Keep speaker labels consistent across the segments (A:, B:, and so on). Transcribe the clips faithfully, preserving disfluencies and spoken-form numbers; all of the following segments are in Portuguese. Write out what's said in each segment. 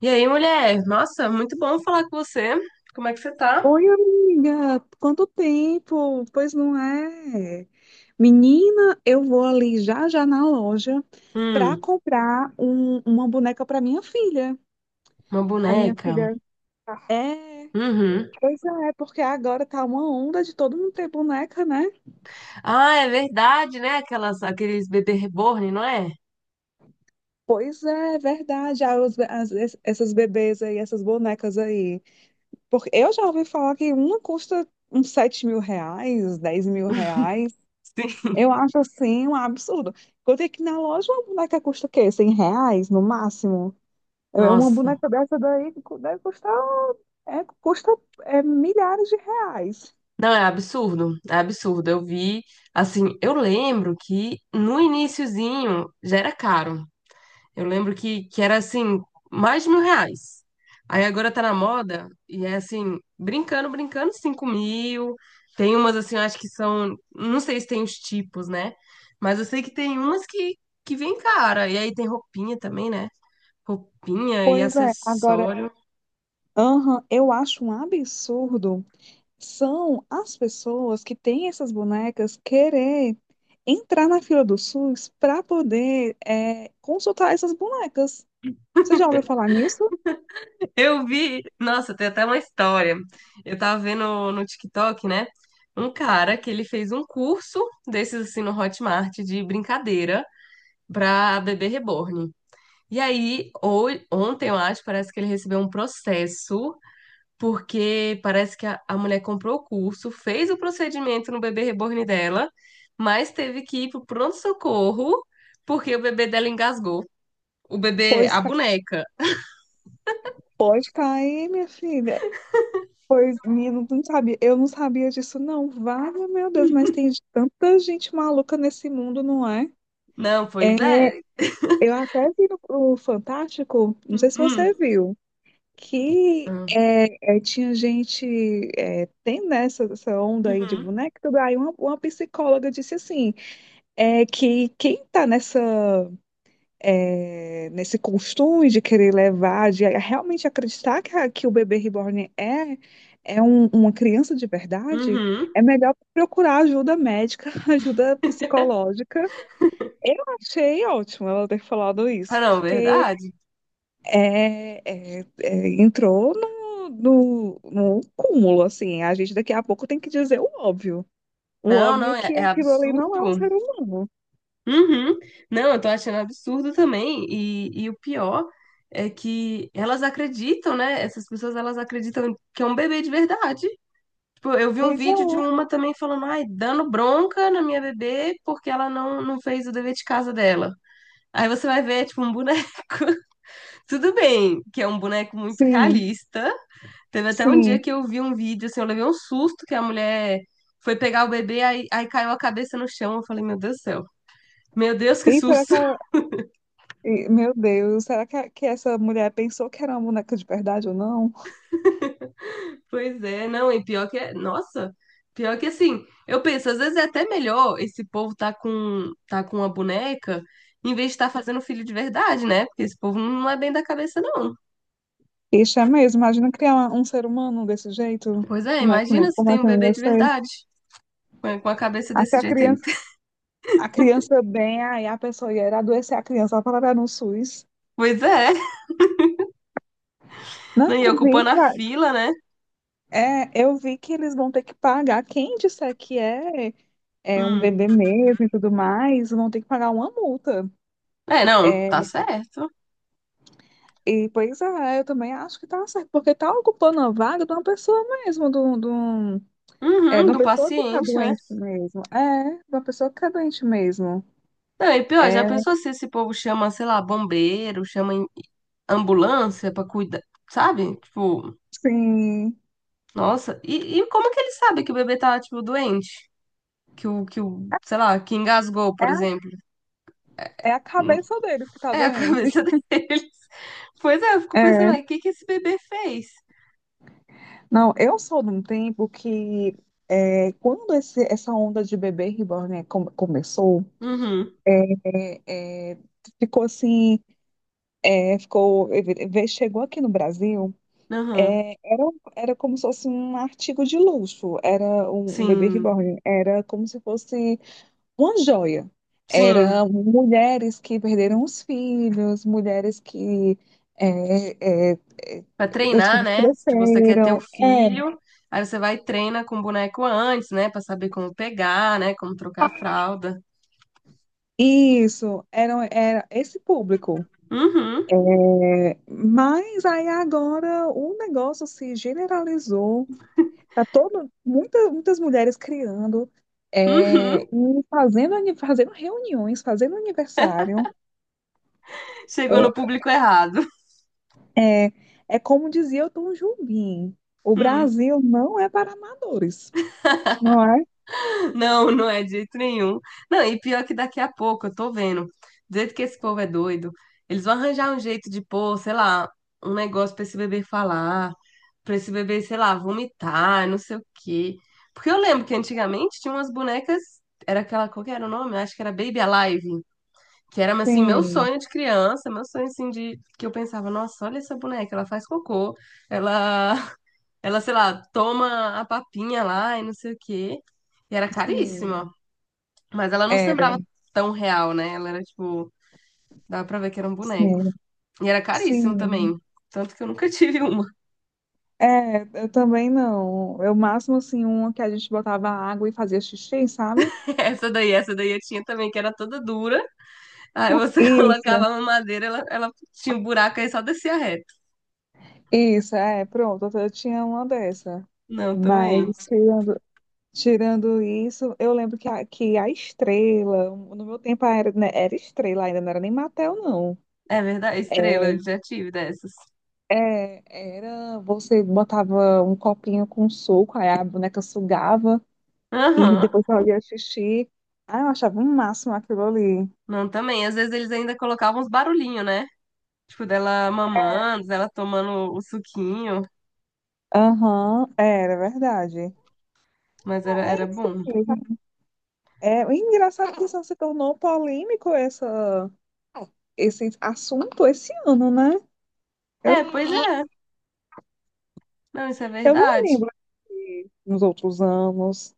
A: E aí, mulher? Nossa, muito bom falar com você. Como é que você tá?
B: Oi, amiga, quanto tempo? Pois não é? Menina, eu vou ali já já na loja para
A: Hum,
B: comprar um- uma boneca para minha filha.
A: uma
B: A minha
A: boneca.
B: filha é,
A: Uhum.
B: pois é, porque agora tá uma onda de todo mundo ter boneca, né?
A: Ah, é verdade, né? Aquelas, aqueles bebê reborn, não é?
B: Pois é, é verdade. Ah, os- as- es- essas bebês aí, essas bonecas aí. Porque eu já ouvi falar que uma custa uns sete mil reais, dez mil reais.
A: Sim.
B: Eu acho assim um absurdo. Eu tenho que ir na loja, uma boneca custa o quê? cem reais no máximo? É, é Uma
A: Nossa.
B: boneca dessa daí cu- deve custar, é, custa é, milhares de reais.
A: Não, é absurdo. É absurdo. Eu vi, assim, eu lembro que no iniciozinho já era caro. Eu lembro que, que era assim, mais de mil reais. Aí agora tá na moda e é assim, brincando, brincando, cinco mil. Tem umas assim, eu acho que são. Não sei se tem os tipos, né? Mas eu sei que tem umas que, que vem cara. E aí tem roupinha também, né? Roupinha e
B: Pois é, agora,
A: acessório.
B: aham, eu acho um absurdo, são as pessoas que têm essas bonecas querer entrar na fila do SUS para poder é, consultar essas bonecas. Você já ouviu falar nisso?
A: Eu vi. Nossa, tem até uma história. Eu tava vendo no TikTok, né? Um cara que ele fez um curso desses assim no Hotmart de brincadeira pra bebê reborn. E aí, ho- ontem, eu acho, parece que ele recebeu um processo, porque parece que a, a mulher comprou o curso, fez o procedimento no bebê reborn dela, mas teve que ir pro pronto-socorro, porque o bebê dela engasgou. O bebê,
B: Pois
A: a boneca.
B: pode cair, minha filha. Pois, menino, não sabia. Eu não sabia disso, não. Vale, meu Deus, mas tem tanta gente maluca nesse mundo, não é?
A: Não, pois é.
B: Eu até vi no, no Fantástico, não
A: Hum,
B: sei se
A: hum.
B: você viu. que é, é, tinha gente, é, tem nessa essa essa onda aí de
A: Uhum,
B: boneca, tudo. Aí uma, uma psicóloga disse assim, é, que quem está nessa, é, nesse costume de querer levar, de realmente acreditar que, a- que o bebê reborn é, é um- uma criança de verdade,
A: uhum.
B: é melhor procurar ajuda médica, ajuda psicológica. Achei ótimo ela ter falado
A: Ah,
B: isso,
A: não,
B: porque
A: verdade?
B: é, é, é, entrou no, no, no cúmulo, assim. A gente daqui a pouco tem que dizer o óbvio. O
A: Não, não,
B: óbvio
A: é,
B: que
A: é
B: aquilo ali não é um
A: absurdo.
B: ser humano.
A: Uhum. Não, eu tô achando absurdo também. E, e o pior é que elas acreditam, né? Essas pessoas, elas acreditam que é um bebê de verdade. Tipo, eu vi um
B: Pois é,
A: vídeo de uma também falando, ai, dando bronca na minha bebê porque ela não, não fez o dever de casa dela. Aí você vai ver, é tipo, um boneco. Tudo bem, que é um boneco muito
B: sim,
A: realista. Teve até um dia
B: sim.
A: que eu vi um vídeo, assim, eu levei um susto que a mulher foi pegar o bebê, aí, aí caiu a cabeça no chão. Eu falei, meu Deus do céu. Meu Deus, que
B: E será
A: susto.
B: que ela... e, meu Deus, será que, a- que essa mulher pensou que era uma boneca de verdade ou não?
A: Pois é, não, e pior que é, nossa, pior que assim, eu penso, às vezes é até melhor esse povo tá com tá com uma boneca em vez de estar fazendo filho de verdade, né? Porque esse povo não é bem da cabeça, não.
B: Isso é mesmo, imagina criar uma- um ser humano desse jeito.
A: Pois é,
B: Como é que,
A: imagina
B: não-
A: se
B: como
A: tem
B: é
A: um
B: que eu
A: bebê
B: ia
A: de
B: ser?
A: verdade, com a com a cabeça
B: Aí se
A: desse
B: a
A: jeito aí.
B: criança, a criança bem, aí a pessoa ia adoecer a criança, ela vai parar no SUS.
A: Pois é,
B: Não,
A: né? E
B: eu vi
A: ocupando a
B: que
A: fila, né?
B: É, eu vi que eles vão ter que pagar. Quem disser que é, é um
A: Hum.
B: bebê mesmo e tudo mais, vão ter que pagar uma multa.
A: É, não,
B: É,
A: tá certo.
B: e pois é, eu também acho que tá certo, porque tá ocupando a vaga de uma pessoa mesmo, de um- de um- é,
A: Uhum,
B: de uma
A: do
B: pessoa que tá
A: paciente, né?
B: doente mesmo. É, de uma pessoa que tá doente mesmo.
A: Não, e pior,
B: É,
A: já pensou se esse povo chama, sei lá, bombeiro, chama em- ambulância pra cuidar, sabe? Tipo,
B: sim.
A: nossa, e, e como que ele sabe que o bebê tá, tipo, doente? Que o, que o, sei lá, que engasgou,
B: É,
A: por
B: a-
A: exemplo.
B: é a cabeça deles que tá
A: É a
B: doente.
A: cabeça deles. Pois é, eu fico pensando,
B: É.
A: o que que esse bebê fez?
B: Não, eu sou de um tempo que é, quando esse, essa onda de bebê reborn, né, come- começou.
A: Uhum,
B: É, é, ficou assim, é, ficou, ve- chegou aqui no Brasil.
A: uhum.
B: É, era, um, era como se fosse um artigo de luxo, era um, um bebê
A: Sim,
B: reborn, era como se fosse uma joia. Era
A: sim.
B: mulheres que perderam os filhos, mulheres que é, é, é,
A: Pra
B: os
A: treinar,
B: filhos
A: né? Tipo, você quer ter o
B: cresceram. É,
A: filho, aí você vai e treina com o boneco antes, né? Pra saber como pegar, né? Como trocar a fralda.
B: isso, era, era esse público.
A: Uhum,
B: É, mas aí agora o negócio se generalizou. Tá todo, muita, muitas mulheres criando, é, e
A: uhum.
B: fazendo, ani- fazendo reuniões, fazendo aniversário.
A: Chegou no público errado.
B: É, é é como dizia o Tom Jobim, o
A: Hum.
B: Brasil não é para amadores. Não é?
A: Não, não é de jeito nenhum. Não, e pior que daqui a pouco, eu tô vendo, do jeito que esse povo é doido, eles vão arranjar um jeito de pôr, sei lá, um negócio pra esse bebê falar, pra esse bebê, sei lá, vomitar, não sei o quê. Porque eu lembro que antigamente tinha umas bonecas, era aquela, qual que era o nome? Acho que era Baby Alive, que era, assim, meu
B: Sim,
A: sonho de criança, meu sonho, assim, de... que eu pensava, nossa, olha essa boneca, ela faz cocô, ela, ela, sei lá, toma a papinha lá e não sei o quê. E era
B: sim,
A: caríssima. Mas ela não
B: era.
A: sembrava tão real, né? Ela era tipo, dava pra ver que era um boneco.
B: Sim,
A: E era caríssimo
B: sim.
A: também. Tanto que eu nunca tive uma.
B: É, eu também não. Eu máximo assim, uma que a gente botava água e fazia xixi, sabe?
A: Essa daí, essa daí eu tinha também, que era toda dura. Aí você
B: Isso,
A: colocava uma madeira, ela, ela tinha um buraco aí só descia reto.
B: isso, é, pronto, eu tinha uma dessa.
A: Não, também.
B: Mas tirando Tirando isso, eu lembro que a, que a Estrela, no meu tempo era, né, era Estrela ainda, não era nem Mattel, não.
A: É verdade,
B: É,
A: estrela, eu já tive dessas.
B: é, era, você botava um copinho com suco, aí a boneca sugava e
A: Aham.
B: depois fazia xixi. Ah, eu achava um máximo aquilo ali.
A: Não, também. Às vezes eles ainda colocavam uns barulhinhos, né? Tipo, dela mamando, dela tomando o suquinho.
B: Aham, era verdade.
A: Mas era,
B: Ah, é
A: era
B: isso
A: bom.
B: mesmo. É o engraçado é que só se tornou polêmico essa, esse assunto esse ano, né? Eu,
A: É, pois é. Não, isso é
B: eu não
A: verdade.
B: lembro de- nos outros anos.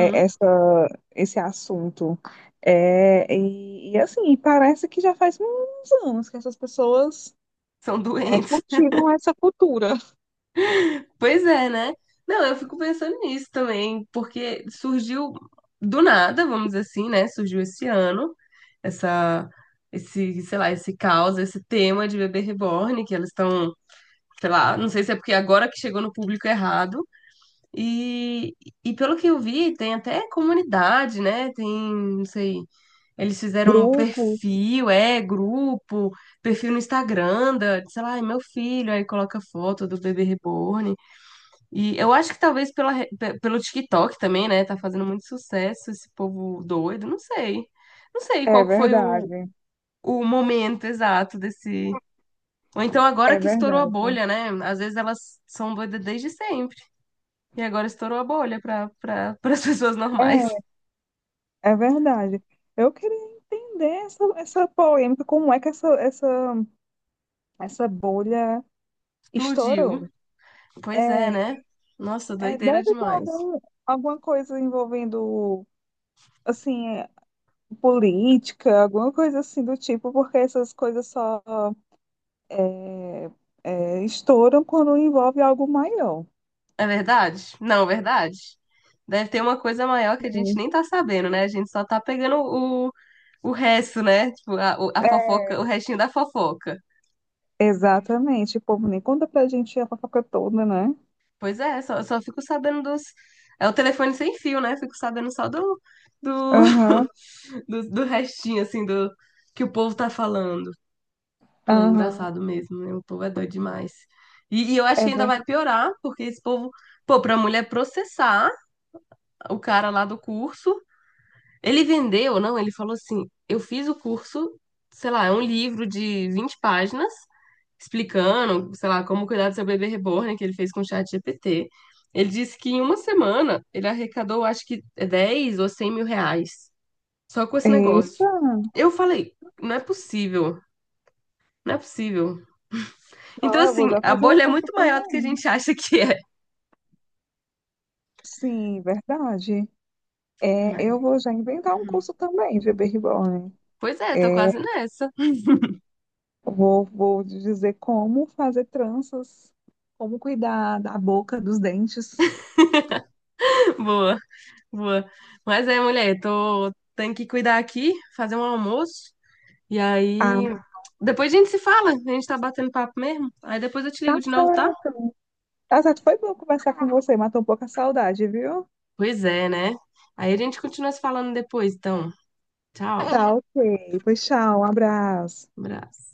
B: É, essa, esse assunto. É, e, e, assim, parece que já faz uns anos que essas pessoas
A: São
B: é,
A: doentes.
B: cultivam essa cultura.
A: Pois é, né? Não, eu fico pensando nisso também, porque surgiu do nada, vamos dizer assim, né? Surgiu esse ano, essa, esse, sei lá, esse caos, esse tema de bebê reborn, que elas estão, sei lá, não sei se é porque agora que chegou no público errado. E, e pelo que eu vi, tem até comunidade, né? Tem, não sei, eles fizeram um
B: Grupos,
A: perfil, é, grupo, perfil no Instagram, da, sei lá, é meu filho, aí coloca foto do bebê reborn. E eu acho que talvez pela, re- pe- pelo TikTok também, né? Tá fazendo muito sucesso esse povo doido, não sei. Não sei
B: é
A: qual que foi o,
B: verdade,
A: o momento exato desse. Ou então agora
B: é
A: que estourou a
B: verdade,
A: bolha, né? Às vezes elas são doidas desde sempre. E agora estourou a bolha para para as pessoas normais.
B: é, é verdade. Eu queria entender essa, essa polêmica, como é que essa, essa, essa bolha
A: Explodiu.
B: estourou.
A: Pois é,
B: É,
A: né? Nossa,
B: é,
A: doideira
B: deve ter
A: demais.
B: algum, alguma coisa envolvendo assim, é, política, alguma coisa assim do tipo, porque essas coisas só é, é, estouram quando envolve algo maior.
A: É verdade? Não, verdade. Deve ter uma coisa maior que a gente
B: Sim.
A: nem tá sabendo, né? A gente só tá pegando o, o resto, né? Tipo, a, o- a fofoca, o restinho da fofoca.
B: Exatamente. O povo nem conta pra gente a fofoca toda, né?
A: Pois é, só, só fico sabendo dos. É o telefone sem fio, né? Fico sabendo só do, do,
B: Aham,
A: do, do restinho, assim, do que o povo tá falando. Não, é
B: aham.
A: engraçado mesmo, né? O povo é doido demais. E, e eu acho
B: É
A: que ainda vai
B: verdade.
A: piorar, porque esse povo, pô, pra mulher processar o cara lá do curso. Ele vendeu, não, ele falou assim: eu fiz o curso, sei lá, é um livro de vinte páginas, explicando, sei lá, como cuidar do seu bebê reborn, que ele fez com o Chat ChatGPT. Ele disse que em uma semana ele arrecadou, acho que é dez ou cem mil reais, só com esse
B: Eita!
A: negócio. Eu falei: não é possível, não é possível. Então,
B: Não, eu vou
A: assim,
B: já
A: a
B: fazer um
A: bolha é
B: curso
A: muito maior do que a
B: também.
A: gente acha que é.
B: Sim, verdade. É,
A: Mas-
B: eu vou já inventar um curso também de Baby Reborn.
A: pois
B: É,
A: é, tô quase nessa.
B: vou, vou dizer como fazer tranças, como cuidar da boca, dos dentes.
A: Boa, boa. Mas é, mulher, tô. Tenho que cuidar aqui, fazer um almoço. E aí,
B: Ah,
A: depois a gente se fala, a gente tá batendo papo mesmo. Aí depois eu te
B: tá
A: ligo de novo, tá?
B: certo. Tá certo, foi bom conversar com você, matou um pouco a saudade, viu?
A: Pois é, né? Aí a gente continua se falando depois, então. Tchau.
B: Tá, ok. Pois tchau, um abraço.
A: Abraço.